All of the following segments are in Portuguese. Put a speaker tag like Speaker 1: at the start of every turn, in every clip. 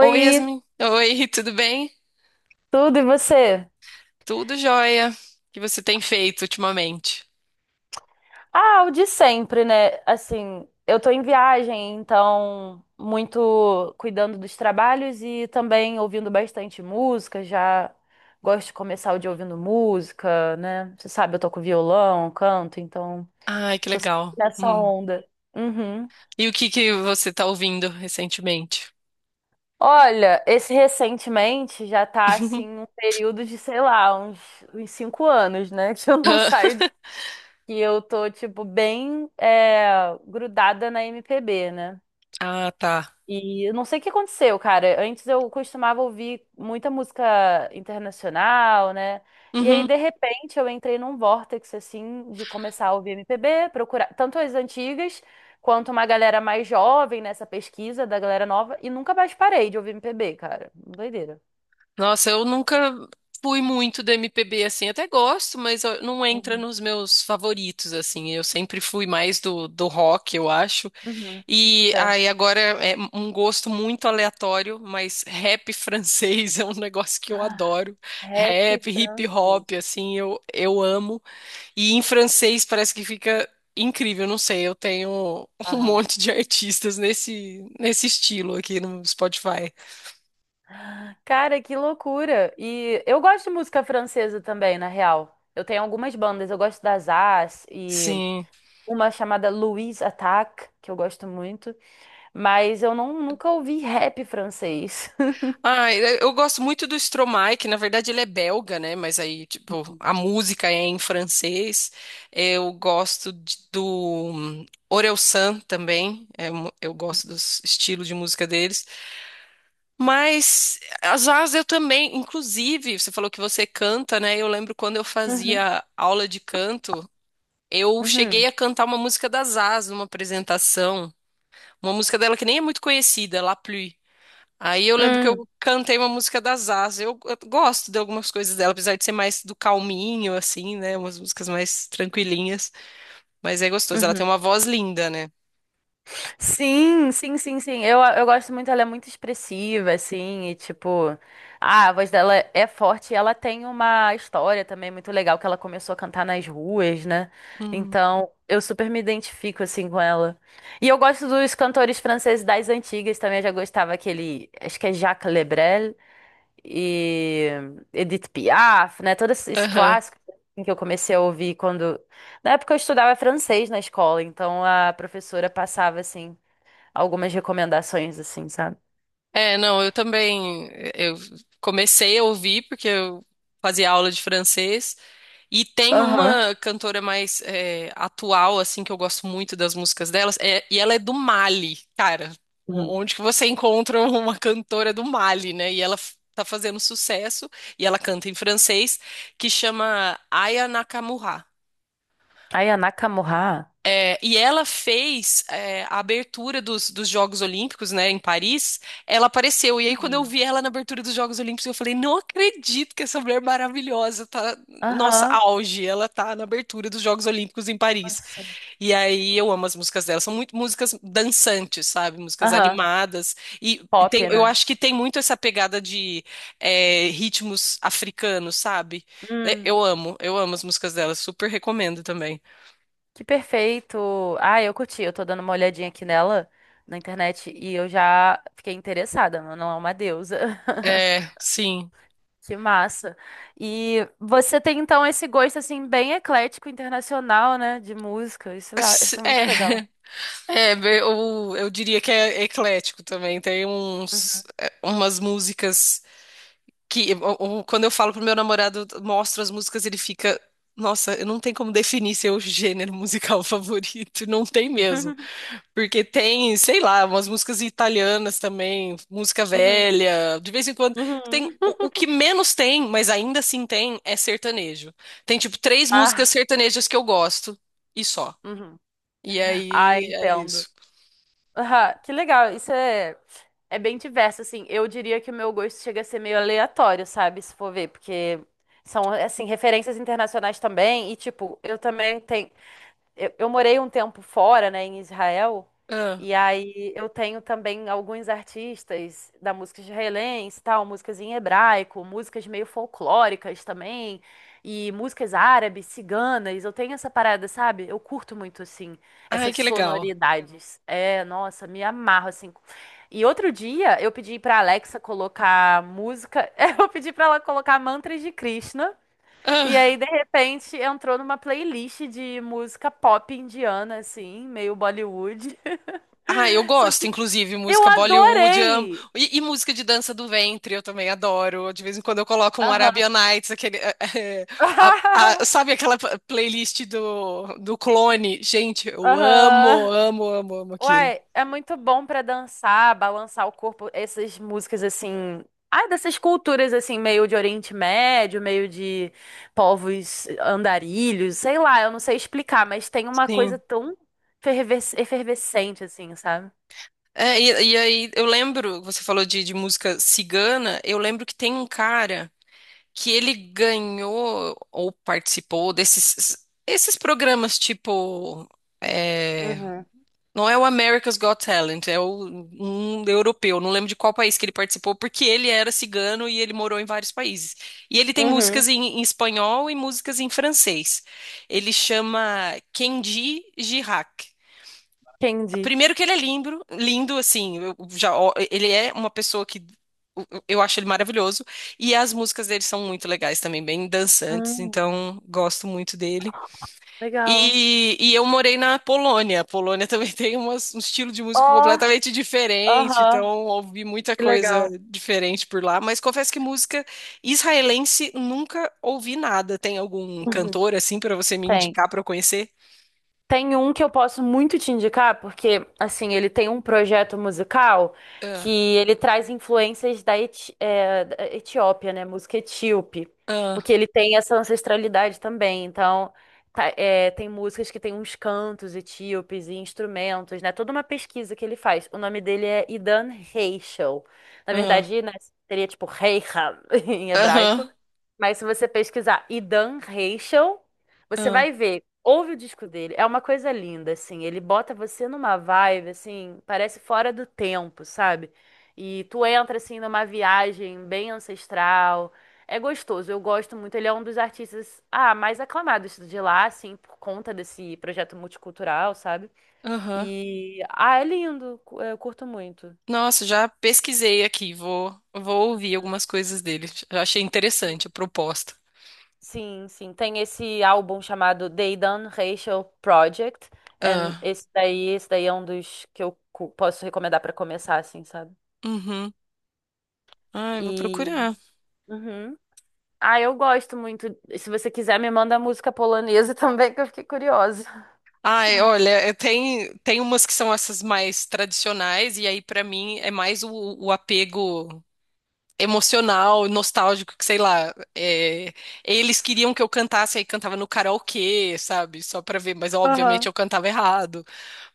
Speaker 1: Oi, Yasmin. Oi, tudo bem?
Speaker 2: tudo e você?
Speaker 1: Tudo jóia. O que você tem feito ultimamente?
Speaker 2: Ah, o de sempre, né? Assim, eu tô em viagem, então muito cuidando dos trabalhos e também ouvindo bastante música, já gosto de começar o dia ouvindo música, né? Você sabe, eu toco violão, canto, então
Speaker 1: Ai, que
Speaker 2: tô sempre
Speaker 1: legal.
Speaker 2: nessa
Speaker 1: Hum.
Speaker 2: onda. Uhum.
Speaker 1: E o que que você tá ouvindo recentemente?
Speaker 2: Olha, esse recentemente já tá assim um período de, sei lá, uns 5 anos, né? Que eu não saio que eu tô, tipo, bem grudada na MPB, né?
Speaker 1: Ah, tá.
Speaker 2: E eu não sei o que aconteceu, cara. Antes eu costumava ouvir muita música internacional, né? E aí,
Speaker 1: Uhum.
Speaker 2: de repente, eu entrei num vórtice, assim, de começar a ouvir MPB, procurar tanto as antigas quanto uma galera mais jovem nessa pesquisa da galera nova, e nunca mais parei de ouvir MPB, cara. Doideira.
Speaker 1: Nossa, eu nunca fui muito do MPB assim. Até gosto, mas não entra
Speaker 2: Uhum.
Speaker 1: nos meus favoritos assim. Eu sempre fui mais do rock, eu acho.
Speaker 2: Uhum.
Speaker 1: E aí
Speaker 2: Certo.
Speaker 1: agora é um gosto muito aleatório, mas rap francês é um negócio que eu
Speaker 2: Ah,
Speaker 1: adoro.
Speaker 2: rap
Speaker 1: Rap, hip hop,
Speaker 2: francês.
Speaker 1: assim, eu amo. E em francês parece que fica incrível, não sei, eu tenho um monte de artistas nesse estilo aqui no Spotify.
Speaker 2: Cara, que loucura! E eu gosto de música francesa também, na real. Eu tenho algumas bandas, eu gosto das As e
Speaker 1: Sim.
Speaker 2: uma chamada Louise Attaque, que eu gosto muito, mas eu não, nunca ouvi rap francês.
Speaker 1: Ah, eu gosto muito do Stromae, que na verdade ele é belga, né? Mas aí, tipo, a música é em francês. Eu gosto do Orelsan também. Eu gosto dos estilos de música deles. Mas às vezes eu também, inclusive, você falou que você canta, né? Eu lembro quando eu
Speaker 2: Uhum,
Speaker 1: fazia aula de canto, eu cheguei
Speaker 2: uhum,
Speaker 1: a cantar uma música da Zaz numa apresentação. Uma música dela que nem é muito conhecida, La Pluie. Aí eu lembro que eu
Speaker 2: uhum,
Speaker 1: cantei uma música da Zaza. Eu gosto de algumas coisas dela, apesar de ser mais do calminho, assim, né? Umas músicas mais tranquilinhas. Mas é gostoso. Ela
Speaker 2: uhum.
Speaker 1: tem uma voz linda, né?
Speaker 2: Sim, sim, sim, sim. Eu gosto muito, ela é muito expressiva, assim, e tipo, ah, a voz dela é forte e ela tem uma história também muito legal que ela começou a cantar nas ruas, né?
Speaker 1: Hum.
Speaker 2: Então, eu super me identifico, assim, com ela. E eu gosto dos cantores franceses das antigas também, eu já gostava aquele, acho que é Jacques Lebrel e Edith Piaf, né? Todos esses
Speaker 1: Aham.
Speaker 2: clássicos assim, que eu comecei a ouvir quando... Na época eu estudava francês na escola, então a professora passava, assim algumas recomendações, assim, sabe?
Speaker 1: É, não, eu também. Eu comecei a ouvir porque eu fazia aula de francês. E tem
Speaker 2: Aham.
Speaker 1: uma cantora mais é, atual, assim, que eu gosto muito das músicas delas, e ela é do Mali, cara.
Speaker 2: Uhum.
Speaker 1: Onde que você encontra uma cantora do Mali, né? E ela tá fazendo sucesso, e ela canta em francês, que chama Aya Nakamura.
Speaker 2: Aí a Nakamura.
Speaker 1: E ela fez é, a abertura dos Jogos Olímpicos, né, em Paris. Ela apareceu. E aí, quando eu
Speaker 2: Hum.
Speaker 1: vi ela na abertura dos Jogos Olímpicos, eu falei: não acredito que essa mulher maravilhosa tá. Nossa,
Speaker 2: Aham.
Speaker 1: auge! Ela tá na abertura dos Jogos Olímpicos em Paris.
Speaker 2: Nossa.
Speaker 1: E aí, eu amo as músicas dela. São muito músicas dançantes, sabe? Músicas
Speaker 2: Aham.
Speaker 1: animadas. E
Speaker 2: Pop,
Speaker 1: tem, eu
Speaker 2: né?
Speaker 1: acho que tem muito essa pegada de é, ritmos africanos, sabe? É,
Speaker 2: Hum,
Speaker 1: eu amo, eu amo as músicas dela. Super recomendo também.
Speaker 2: que perfeito. Ah, eu curti. Eu tô dando uma olhadinha aqui nela na internet e eu já fiquei interessada. Ela não é uma deusa.
Speaker 1: É, sim.
Speaker 2: Que massa. E você tem então esse gosto assim bem eclético internacional, né, de música. Isso, isso é muito legal.
Speaker 1: É, é, eu diria que é eclético também. Tem uns,
Speaker 2: Uhum.
Speaker 1: é, umas músicas que, quando eu falo pro meu namorado, eu mostro as músicas, ele fica, nossa, eu não tem como definir seu gênero musical favorito, não tem mesmo. Porque tem, sei lá, umas músicas italianas também, música
Speaker 2: Uhum.
Speaker 1: velha, de vez em quando.
Speaker 2: Uhum.
Speaker 1: Tem, o que menos tem, mas ainda assim tem, é sertanejo. Tem, tipo, três músicas
Speaker 2: Ah,
Speaker 1: sertanejas que eu gosto, e só.
Speaker 2: uhum.
Speaker 1: E
Speaker 2: Ah,
Speaker 1: aí é
Speaker 2: entendo.
Speaker 1: isso.
Speaker 2: Aham, que legal. É bem diverso, assim. Eu diria que o meu gosto chega a ser meio aleatório, sabe? Se for ver, porque são, assim, referências internacionais também. E, tipo, eu também tenho. Eu morei um tempo fora, né, em Israel,
Speaker 1: Ah,
Speaker 2: e aí eu tenho também alguns artistas da música israelense, e tal, músicas em hebraico, músicas meio folclóricas também, e músicas árabes, ciganas. Eu tenho essa parada, sabe? Eu curto muito assim
Speaker 1: ai,
Speaker 2: essas
Speaker 1: que legal.
Speaker 2: sonoridades. É, nossa, me amarro assim. E outro dia eu pedi pra Alexa colocar música, eu pedi pra ela colocar mantras de Krishna. E aí,
Speaker 1: Ah,
Speaker 2: de repente, entrou numa playlist de música pop indiana, assim, meio Bollywood.
Speaker 1: ah, eu
Speaker 2: Só
Speaker 1: gosto,
Speaker 2: que
Speaker 1: inclusive,
Speaker 2: eu
Speaker 1: música Bollywood, eu amo.
Speaker 2: adorei!
Speaker 1: E música de dança do ventre, eu também adoro. De vez em quando eu coloco um Arabian
Speaker 2: Aham.
Speaker 1: Nights, aquele, sabe aquela playlist do Clone? Gente, eu amo,
Speaker 2: Aham.
Speaker 1: amo, amo, amo aquilo.
Speaker 2: Uai, é muito bom pra dançar, balançar o corpo, essas músicas assim. Ah, dessas culturas assim, meio de Oriente Médio, meio de povos andarilhos, sei lá, eu não sei explicar, mas tem uma coisa
Speaker 1: Sim.
Speaker 2: tão efervescente assim, sabe?
Speaker 1: É, e aí, eu lembro, você falou de música cigana, eu lembro que tem um cara. Que ele ganhou ou participou desses esses programas tipo é,
Speaker 2: Uhum.
Speaker 1: não é o America's Got Talent, um europeu, não lembro de qual país que ele participou, porque ele era cigano e ele morou em vários países. E ele tem
Speaker 2: Uhum.
Speaker 1: músicas em espanhol e músicas em francês. Ele chama Kenji Girac.
Speaker 2: Candy.
Speaker 1: Primeiro que ele é lindo, lindo, assim, eu já, ó, ele é uma pessoa que eu acho ele maravilhoso, e as músicas dele são muito legais também, bem dançantes,
Speaker 2: Hum,
Speaker 1: então gosto muito dele.
Speaker 2: Legal.
Speaker 1: E eu morei na Polônia. A Polônia também tem um estilo de música
Speaker 2: Ó,
Speaker 1: completamente diferente,
Speaker 2: aham,
Speaker 1: então ouvi muita
Speaker 2: que
Speaker 1: coisa
Speaker 2: legal.
Speaker 1: diferente por lá. Mas confesso que música israelense nunca ouvi nada. Tem algum
Speaker 2: Uhum.
Speaker 1: cantor assim para você me
Speaker 2: Tem.
Speaker 1: indicar para eu conhecer?
Speaker 2: Tem um que eu posso muito te indicar, porque, assim, ele tem um projeto musical que
Speaker 1: Ah,
Speaker 2: ele traz influências da, da Etiópia, né? Música etíope.
Speaker 1: ah,
Speaker 2: Porque ele tem essa ancestralidade também. Então, tem músicas que tem uns cantos etíopes e instrumentos, né? Toda uma pesquisa que ele faz. O nome dele é Idan Reichel. Na
Speaker 1: ah,
Speaker 2: verdade, né, seria tipo Reicham em hebraico.
Speaker 1: aham,
Speaker 2: Mas se você pesquisar Idan Reichel, você
Speaker 1: aham.
Speaker 2: vai ver. Ouve o disco dele, é uma coisa linda, assim. Ele bota você numa vibe, assim, parece fora do tempo, sabe? E tu entra, assim, numa viagem bem ancestral. É gostoso, eu gosto muito. Ele é um dos artistas, ah, mais aclamados de lá, assim, por conta desse projeto multicultural, sabe?
Speaker 1: Aham.
Speaker 2: E, ah, é lindo, eu curto muito.
Speaker 1: Nossa, já pesquisei aqui. Vou, vou ouvir algumas coisas dele. Já achei interessante a proposta.
Speaker 2: Sim, sim. Tem esse álbum chamado They Done Racial Project. And
Speaker 1: Ah,
Speaker 2: esse daí é um dos que eu posso recomendar pra começar, assim, sabe?
Speaker 1: uhum. Ah, eu vou
Speaker 2: E.
Speaker 1: procurar.
Speaker 2: Uhum. Ah, eu gosto muito. Se você quiser, me manda música polonesa também, que eu fiquei curiosa.
Speaker 1: Ai, olha, é, tem, tem umas que são essas mais tradicionais, e aí pra mim é mais o apego emocional, nostálgico, que sei lá. É, eles queriam que eu cantasse, aí cantava no karaokê, sabe? Só pra ver, mas obviamente
Speaker 2: Aham.
Speaker 1: eu cantava errado.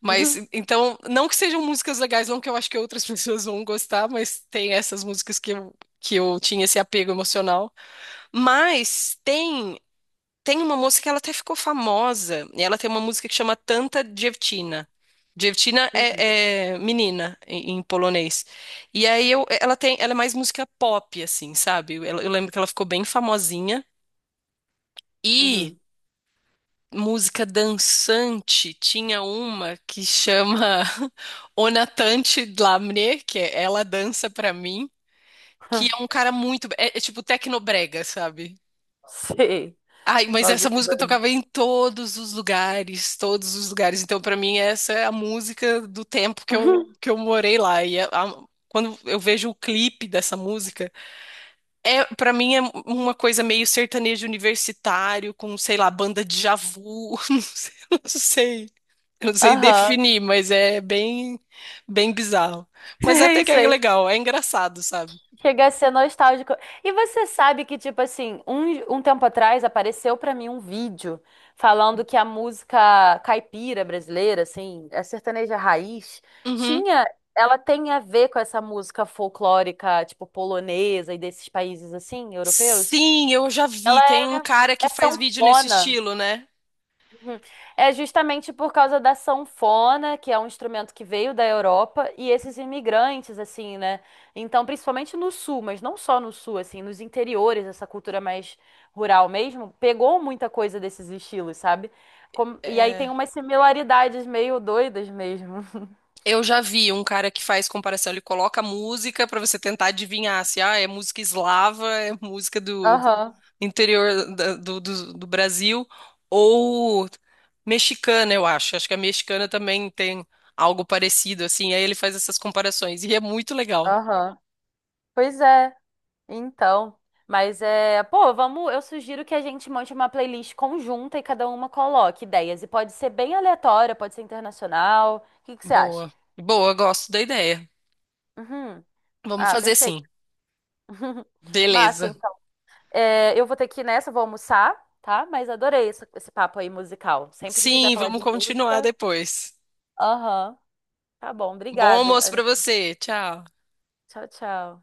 Speaker 1: Mas
Speaker 2: Uhum.
Speaker 1: então, não que sejam músicas legais, não que eu acho que outras pessoas vão gostar, mas tem essas músicas que que eu tinha esse apego emocional. Mas tem uma moça que ela até ficou famosa, e ela tem uma música que chama Tanta Dziewczyna. Dziewczyna
Speaker 2: Uhum.
Speaker 1: é, é menina em polonês. E aí eu, ela tem, ela é mais música pop assim, sabe? Eu lembro que ela ficou bem famosinha. E
Speaker 2: Uhum.
Speaker 1: música dançante, tinha uma que chama O Natante Lamné, que é Ela Dança Pra Mim, que é um cara muito. É, é tipo tecnobrega, sabe?
Speaker 2: Sei.
Speaker 1: Ai, mas
Speaker 2: Nossa,
Speaker 1: essa
Speaker 2: que
Speaker 1: música eu
Speaker 2: banda.
Speaker 1: tocava em todos os lugares, todos os lugares. Então, pra mim, essa é a música do tempo que
Speaker 2: Uhum.
Speaker 1: que eu morei lá. E quando eu vejo o clipe dessa música, é, para mim é uma coisa meio sertanejo universitário, com, sei lá, banda de Djavu, não sei. Eu não sei
Speaker 2: Aham.
Speaker 1: definir, mas é bem, bem bizarro. Mas até
Speaker 2: Sei,
Speaker 1: que é
Speaker 2: sei.
Speaker 1: legal, é engraçado, sabe?
Speaker 2: Chega a ser nostálgico. E você sabe que, tipo assim, um tempo atrás apareceu pra mim um vídeo falando que a música caipira brasileira, assim, a sertaneja raiz,
Speaker 1: Uhum.
Speaker 2: tinha, ela tem a ver com essa música folclórica, tipo, polonesa e desses países, assim, europeus.
Speaker 1: Sim, eu já
Speaker 2: Ela
Speaker 1: vi. Tem um
Speaker 2: é,
Speaker 1: cara que
Speaker 2: é
Speaker 1: faz vídeo nesse
Speaker 2: sanfona.
Speaker 1: estilo, né?
Speaker 2: Uhum. É justamente por causa da sanfona, que é um instrumento que veio da Europa, e esses imigrantes, assim, né? Então, principalmente no sul, mas não só no sul, assim, nos interiores, essa cultura mais rural mesmo, pegou muita coisa desses estilos, sabe? E aí tem
Speaker 1: É,
Speaker 2: umas similaridades meio doidas mesmo.
Speaker 1: eu já vi um cara que faz comparação. Ele coloca música pra você tentar adivinhar se ah, é música eslava, é música do
Speaker 2: Aham,
Speaker 1: interior do Brasil ou mexicana, eu acho. Acho que a mexicana também tem algo parecido, assim. Aí ele faz essas comparações e é muito legal.
Speaker 2: aham. Pois é. Então, mas é, pô, vamos, eu sugiro que a gente monte uma playlist conjunta e cada uma coloque ideias. E pode ser bem aleatória, pode ser internacional. O que que você acha?
Speaker 1: Boa. Boa, gosto da ideia.
Speaker 2: Uhum.
Speaker 1: Vamos
Speaker 2: Ah,
Speaker 1: fazer
Speaker 2: perfeito.
Speaker 1: sim.
Speaker 2: Massa,
Speaker 1: Beleza.
Speaker 2: então. É, eu vou ter que ir nessa, vou almoçar, tá? Mas adorei esse papo aí musical. Sempre que quiser
Speaker 1: Sim,
Speaker 2: falar de
Speaker 1: vamos continuar
Speaker 2: música.
Speaker 1: depois.
Speaker 2: Aham. Tá bom,
Speaker 1: Bom
Speaker 2: obrigada.
Speaker 1: almoço pra
Speaker 2: Ana.
Speaker 1: você. Tchau.
Speaker 2: Tchau, tchau.